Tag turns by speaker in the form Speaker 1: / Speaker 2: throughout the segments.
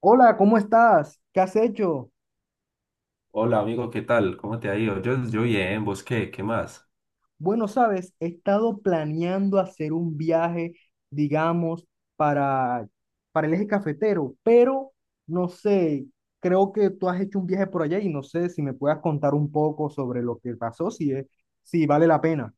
Speaker 1: Hola, ¿cómo estás? ¿Qué has hecho?
Speaker 2: Hola amigo, ¿qué tal? ¿Cómo te ha ido? Yo bien, ¿vos qué? ¿Qué más?
Speaker 1: Bueno, sabes, he estado planeando hacer un viaje, digamos, para, para el eje cafetero, pero no sé, creo que tú has hecho un viaje por allá y no sé si me puedas contar un poco sobre lo que pasó, si vale la pena.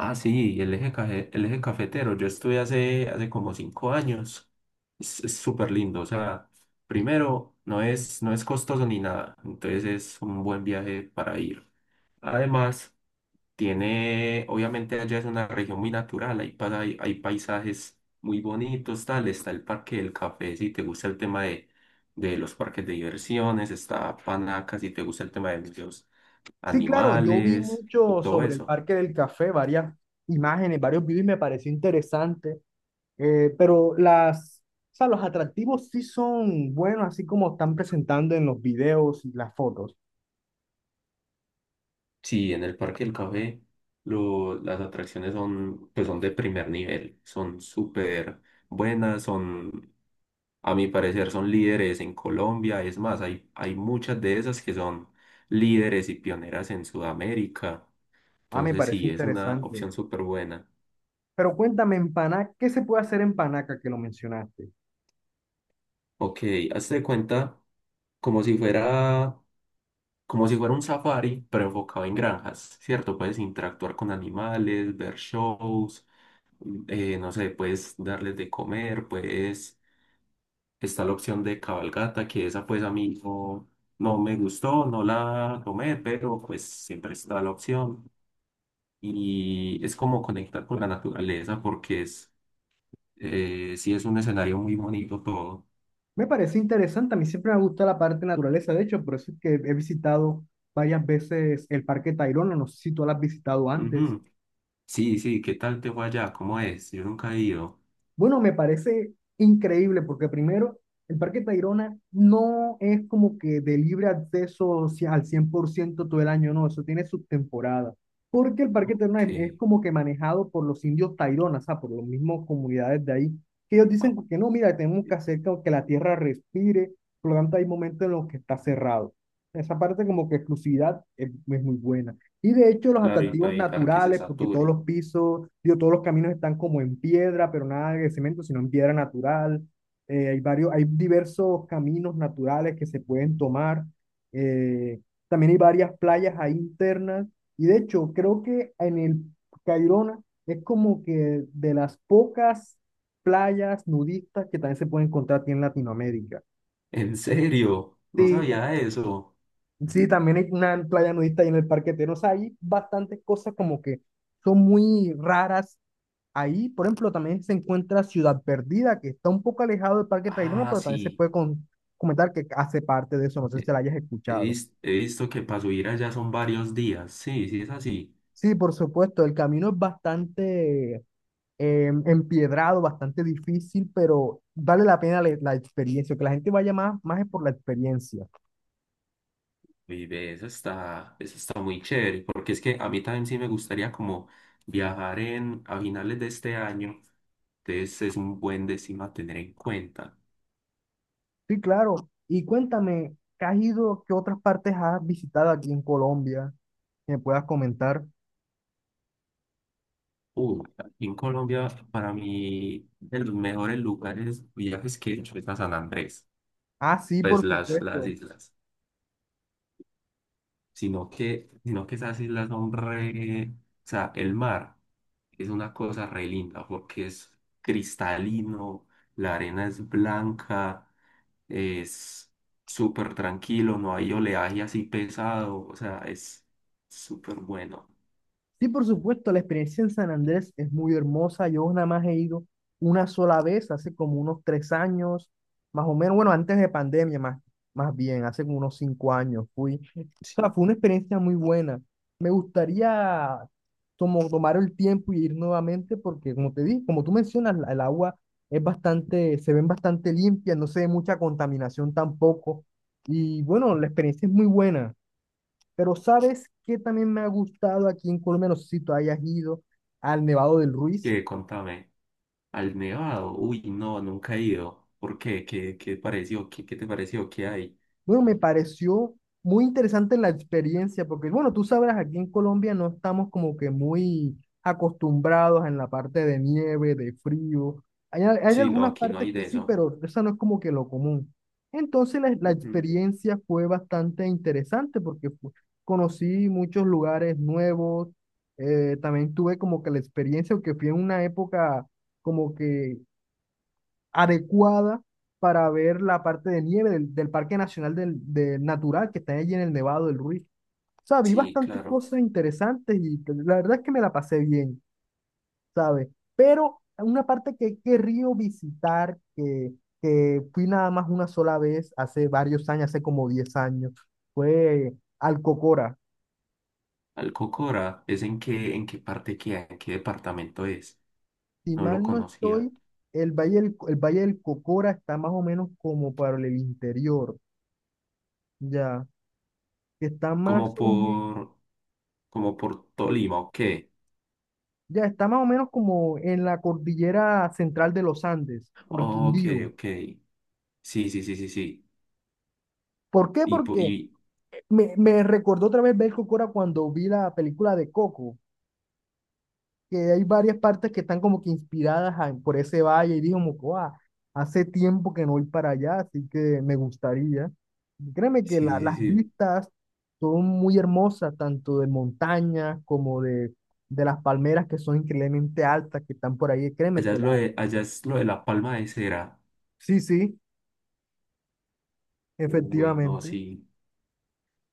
Speaker 2: Ah, sí, el eje cafetero. Yo estuve hace como cinco años. Es súper lindo. O sea, primero, no es costoso ni nada. Entonces es un buen viaje para ir. Además, obviamente allá es una región muy natural. Hay paisajes muy bonitos, tal. Está el Parque del Café, si te gusta el tema de los parques de diversiones. Está Panaca, si te gusta el tema de museos
Speaker 1: Sí, claro, yo vi
Speaker 2: animales y
Speaker 1: mucho
Speaker 2: todo
Speaker 1: sobre el
Speaker 2: eso.
Speaker 1: Parque del Café, varias imágenes, varios videos y me pareció interesante. Eh, pero las, o sea, los atractivos sí son buenos, así como están presentando en los videos y las fotos.
Speaker 2: Sí, en el Parque del Café las atracciones pues son de primer nivel, son súper buenas, a mi parecer, son líderes en Colombia. Es más, hay muchas de esas que son líderes y pioneras en Sudamérica.
Speaker 1: Ah, me
Speaker 2: Entonces
Speaker 1: parece
Speaker 2: sí, es una
Speaker 1: interesante.
Speaker 2: opción súper buena.
Speaker 1: Pero cuéntame, en Paná, ¿qué se puede hacer en Panaca que lo mencionaste?
Speaker 2: Ok, hazte de cuenta como si fuera, como si fuera un safari, pero enfocado en granjas, ¿cierto? Puedes interactuar con animales, ver shows, no sé, puedes darles de comer, está la opción de cabalgata, que esa pues a mí no, no me gustó, no la tomé, pero pues siempre está la opción. Y es como conectar con la naturaleza porque sí es un escenario muy bonito todo.
Speaker 1: Me parece interesante, a mí siempre me gusta la parte de naturaleza, de hecho, por eso es que he visitado varias veces el Parque Tayrona, no sé si tú lo has visitado antes.
Speaker 2: Ujú. Sí, sí, ¿qué tal te fue allá? ¿Cómo es? Yo nunca he ido.
Speaker 1: Bueno, me parece increíble porque primero, el Parque Tayrona no es como que de libre acceso al 100% todo el año, no, eso tiene sus temporadas. Porque el Parque Tayrona es
Speaker 2: Que
Speaker 1: como que manejado por los indios Tayrona, o sea, por las mismas comunidades de ahí, que ellos dicen que no, mira, tenemos que hacer como que la tierra respire, por lo tanto hay momentos en los que está cerrado. Esa parte como que exclusividad es muy buena. Y de hecho los
Speaker 2: Claro, y
Speaker 1: atractivos
Speaker 2: para evitar que se
Speaker 1: naturales, porque todos
Speaker 2: sature.
Speaker 1: los pisos, digo, todos los caminos están como en piedra, pero nada de cemento, sino en piedra natural. Hay varios, hay diversos caminos naturales que se pueden tomar. Eh, También hay varias playas ahí internas. Y de hecho, creo que en el Cairona es como que de las pocas playas nudistas que también se pueden encontrar aquí en Latinoamérica.
Speaker 2: ¿En serio? No
Speaker 1: Sí,
Speaker 2: sabía eso.
Speaker 1: sí, también hay una playa nudista ahí en el Parque Terno. O sea, hay bastantes cosas como que son muy raras ahí. Por ejemplo, también se encuentra Ciudad Perdida, que está un poco alejado del Parque Tayrona,
Speaker 2: Ah,
Speaker 1: pero también se
Speaker 2: sí.
Speaker 1: puede comentar que hace parte de eso. No sé si la hayas
Speaker 2: He
Speaker 1: escuchado.
Speaker 2: vis- he visto que para subir allá son varios días. Sí, sí es así.
Speaker 1: Sí, por supuesto, el camino es bastante empiedrado, bastante difícil, pero vale la pena la experiencia. Que la gente vaya más es por la experiencia.
Speaker 2: Y ve, eso está muy chévere, porque es que a mí también sí me gustaría como viajar a finales de este año. Entonces es un buen destino a tener en cuenta.
Speaker 1: Sí, claro. Y cuéntame, ¿qué has ido, qué otras partes has visitado aquí en Colombia que me puedas comentar?
Speaker 2: Aquí en Colombia, para mí, de los mejores lugares, viajes que he hecho es a San Andrés,
Speaker 1: Ah, sí,
Speaker 2: pues
Speaker 1: por
Speaker 2: las
Speaker 1: supuesto.
Speaker 2: islas. Sino que esas islas son re. O sea, el mar. Es una cosa re linda porque es cristalino, la arena es blanca, es súper tranquilo, no hay oleaje así pesado, o sea, es súper bueno.
Speaker 1: Sí, por supuesto, la experiencia en San Andrés es muy hermosa. Yo nada más he ido una sola vez, hace como unos 3 años, más o menos, bueno, antes de pandemia, más bien, hace como unos 5 años fui. O sea,
Speaker 2: Sí.
Speaker 1: fue una experiencia muy buena. Me gustaría tomar el tiempo y ir nuevamente porque, como te dije, como tú mencionas, el agua es bastante, se ven bastante limpia, no se ve mucha contaminación tampoco. Y bueno, la experiencia es muy buena. Pero ¿sabes qué también me ha gustado aquí en Colombia? No sé si tú hayas ido al Nevado del Ruiz.
Speaker 2: Que contame, al Nevado, uy, no, nunca he ido. ¿Por qué? ¿Qué pareció? ¿Qué te pareció? ¿Qué hay?
Speaker 1: Bueno, me pareció muy interesante la experiencia, porque bueno, tú sabrás, aquí en Colombia no estamos como que muy acostumbrados en la parte de nieve, de frío. Hay
Speaker 2: Sí, no,
Speaker 1: algunas
Speaker 2: aquí no
Speaker 1: partes
Speaker 2: hay
Speaker 1: que
Speaker 2: de
Speaker 1: sí,
Speaker 2: eso.
Speaker 1: pero esa no es como que lo común. Entonces la
Speaker 2: Ujú.
Speaker 1: experiencia fue bastante interesante porque conocí muchos lugares nuevos, también tuve como que la experiencia, que fui en una época como que adecuada para ver la parte de nieve del Parque Nacional Natural que está allí en el Nevado del Ruiz. O sea, vi
Speaker 2: Sí,
Speaker 1: bastantes
Speaker 2: claro.
Speaker 1: cosas interesantes y la verdad es que me la pasé bien, ¿sabes? Pero una parte que he querido visitar, que fui nada más una sola vez hace varios años, hace como 10 años, fue al Cocora.
Speaker 2: Alcocora, ¿es en qué parte queda? ¿En qué departamento es?
Speaker 1: Si
Speaker 2: No lo
Speaker 1: mal no
Speaker 2: conocía.
Speaker 1: estoy, el Valle el Valle del Cocora está más o menos como para el interior, ya, que está más
Speaker 2: Como
Speaker 1: o menos.
Speaker 2: por como por Tolima, ok.
Speaker 1: Ya está más o menos como en la cordillera central de los Andes, por
Speaker 2: Oh, ok,
Speaker 1: Quindío.
Speaker 2: ok. Sí, sí, sí, sí, sí.
Speaker 1: ¿Por qué?
Speaker 2: Y, po-
Speaker 1: Porque
Speaker 2: y
Speaker 1: me recordó otra vez ver Cora cuando vi la película de Coco, que hay varias partes que están como que por ese valle y digo como que, "Guau, hace tiempo que no voy para allá, así que me gustaría". Créeme que
Speaker 2: sí, sí,
Speaker 1: las
Speaker 2: sí.
Speaker 1: vistas son muy hermosas, tanto de montañas como de las palmeras que son increíblemente altas que están por ahí. Créeme
Speaker 2: Allá
Speaker 1: que
Speaker 2: es
Speaker 1: la...
Speaker 2: lo de, allá es lo de la palma de cera.
Speaker 1: Sí, sí,
Speaker 2: Uy, no,
Speaker 1: efectivamente.
Speaker 2: sí.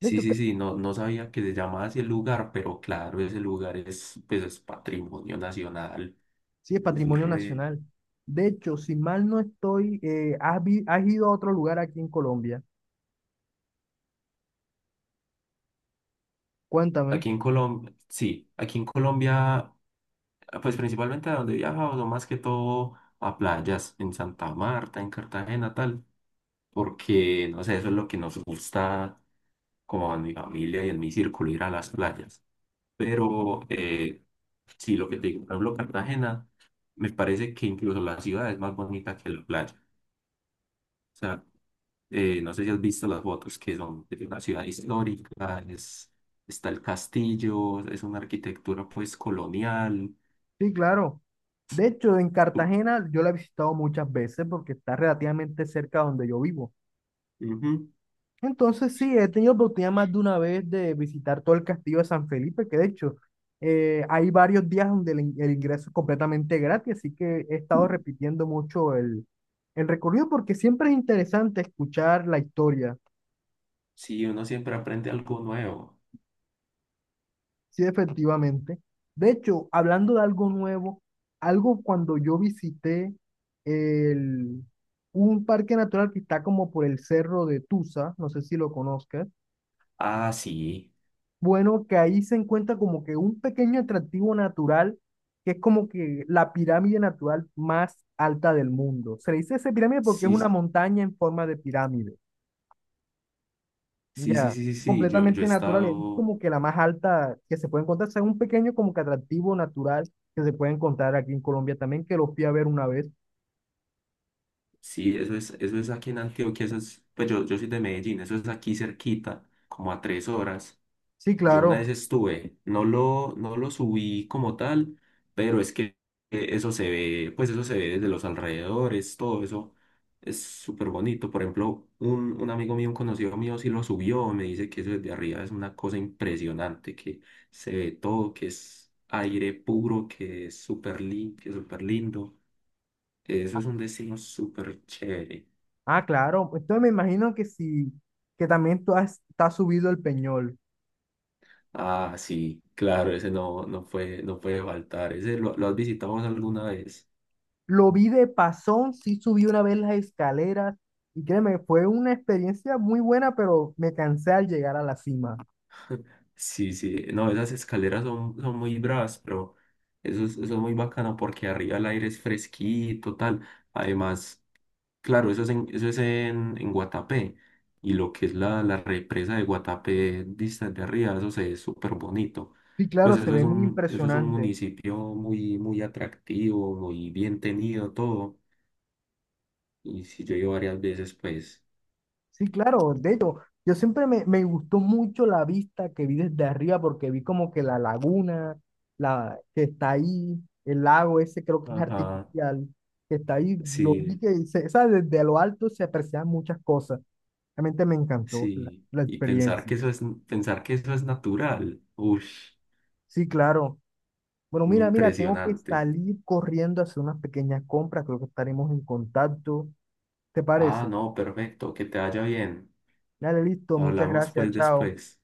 Speaker 1: De
Speaker 2: Sí,
Speaker 1: hecho,
Speaker 2: sí,
Speaker 1: creo.
Speaker 2: sí. No, no sabía que se llamaba así el lugar, pero claro, ese lugar pues es patrimonio nacional.
Speaker 1: Sí, es
Speaker 2: Es
Speaker 1: patrimonio
Speaker 2: re-
Speaker 1: nacional. De hecho, si mal no estoy, has ido a otro lugar aquí en Colombia. Cuéntame.
Speaker 2: Aquí en Colombia, sí, aquí en Colombia, pues principalmente a donde viajamos, no más que todo a playas, en Santa Marta, en Cartagena, tal, porque, no sé, eso es lo que nos gusta con mi familia y en mi círculo ir a las playas. Pero sí, lo que te digo, por ejemplo, Cartagena, me parece que incluso la ciudad es más bonita que la playa. O sea, no sé si has visto las fotos que son de una ciudad histórica, está el castillo, es una arquitectura pues colonial.
Speaker 1: Sí, claro. De hecho, en Cartagena yo la he visitado muchas veces porque está relativamente cerca de donde yo vivo.
Speaker 2: Ujú.
Speaker 1: Entonces, sí, he tenido oportunidad más de una vez de visitar todo el castillo de San Felipe, que de hecho hay varios días donde el ingreso es completamente gratis, así que he estado repitiendo mucho el recorrido porque siempre es interesante escuchar la historia.
Speaker 2: Sí, uno siempre aprende algo nuevo.
Speaker 1: Sí, efectivamente. De hecho, hablando de algo nuevo, algo cuando yo visité el, un parque natural que está como por el cerro de Tusa, no sé si lo conozcas,
Speaker 2: Ah, sí,
Speaker 1: bueno, que ahí se encuentra como que un pequeño atractivo natural que es como que la pirámide natural más alta del mundo. Se le dice esa pirámide porque es una
Speaker 2: sí,
Speaker 1: montaña en forma de pirámide.
Speaker 2: sí, sí,
Speaker 1: Ya,
Speaker 2: sí, sí, sí. Yo he
Speaker 1: completamente natural. Y es
Speaker 2: estado.
Speaker 1: como que la más alta que se puede encontrar. O sea, un pequeño como que atractivo natural que se puede encontrar aquí en Colombia también, que lo fui a ver una vez.
Speaker 2: Sí, eso es aquí en Antioquia, pues yo soy de Medellín, eso es aquí cerquita, como a tres horas.
Speaker 1: Sí,
Speaker 2: Yo una
Speaker 1: claro.
Speaker 2: vez estuve, no lo subí como tal, pero es que pues eso se ve desde los alrededores, todo eso es súper bonito. Por ejemplo, un amigo mío, un conocido mío, sí lo subió, me dice que eso desde arriba es una cosa impresionante, que se ve todo, que es aire puro, que es súper limpio, súper lindo. Eso es un destino súper chévere.
Speaker 1: Ah, claro. Entonces me imagino que sí, que también tú te has subido el Peñol.
Speaker 2: Ah, sí, claro, ese no, no puede faltar. ¿Ese lo has visitado vos alguna vez?
Speaker 1: Lo vi de pasón, sí subí una vez las escaleras y créeme, fue una experiencia muy buena, pero me cansé al llegar a la cima.
Speaker 2: Sí, sí, no, esas escaleras son muy bravas, pero eso es muy bacano porque arriba el aire es fresquito, tal. Además, claro, eso es en Guatapé y lo que es la represa de Guatapé vista de arriba, eso se ve súper bonito.
Speaker 1: Sí,
Speaker 2: Pues
Speaker 1: claro, se
Speaker 2: eso
Speaker 1: ve
Speaker 2: es
Speaker 1: muy
Speaker 2: un, eso es un
Speaker 1: impresionante.
Speaker 2: municipio muy, muy atractivo, muy bien tenido, todo. Y si yo he ido varias veces, pues.
Speaker 1: Sí, claro, de hecho, yo siempre me gustó mucho la vista que vi desde arriba porque vi como que la laguna, la que está ahí, el lago ese creo que es
Speaker 2: Ajá,
Speaker 1: artificial, que está ahí, lo vi
Speaker 2: sí,
Speaker 1: que se, o sea, desde lo alto se aprecian muchas cosas. Realmente me encantó
Speaker 2: sí.
Speaker 1: la
Speaker 2: Y
Speaker 1: experiencia.
Speaker 2: pensar que eso es natural. Uy,
Speaker 1: Sí, claro. Bueno,
Speaker 2: muy
Speaker 1: mira, mira, tengo que
Speaker 2: impresionante.
Speaker 1: salir corriendo a hacer unas pequeñas compras, creo que estaremos en contacto. ¿Te
Speaker 2: Ah,
Speaker 1: parece?
Speaker 2: no, perfecto, que te vaya bien.
Speaker 1: Dale, listo, muchas
Speaker 2: Hablamos
Speaker 1: gracias,
Speaker 2: pues
Speaker 1: chao.
Speaker 2: después.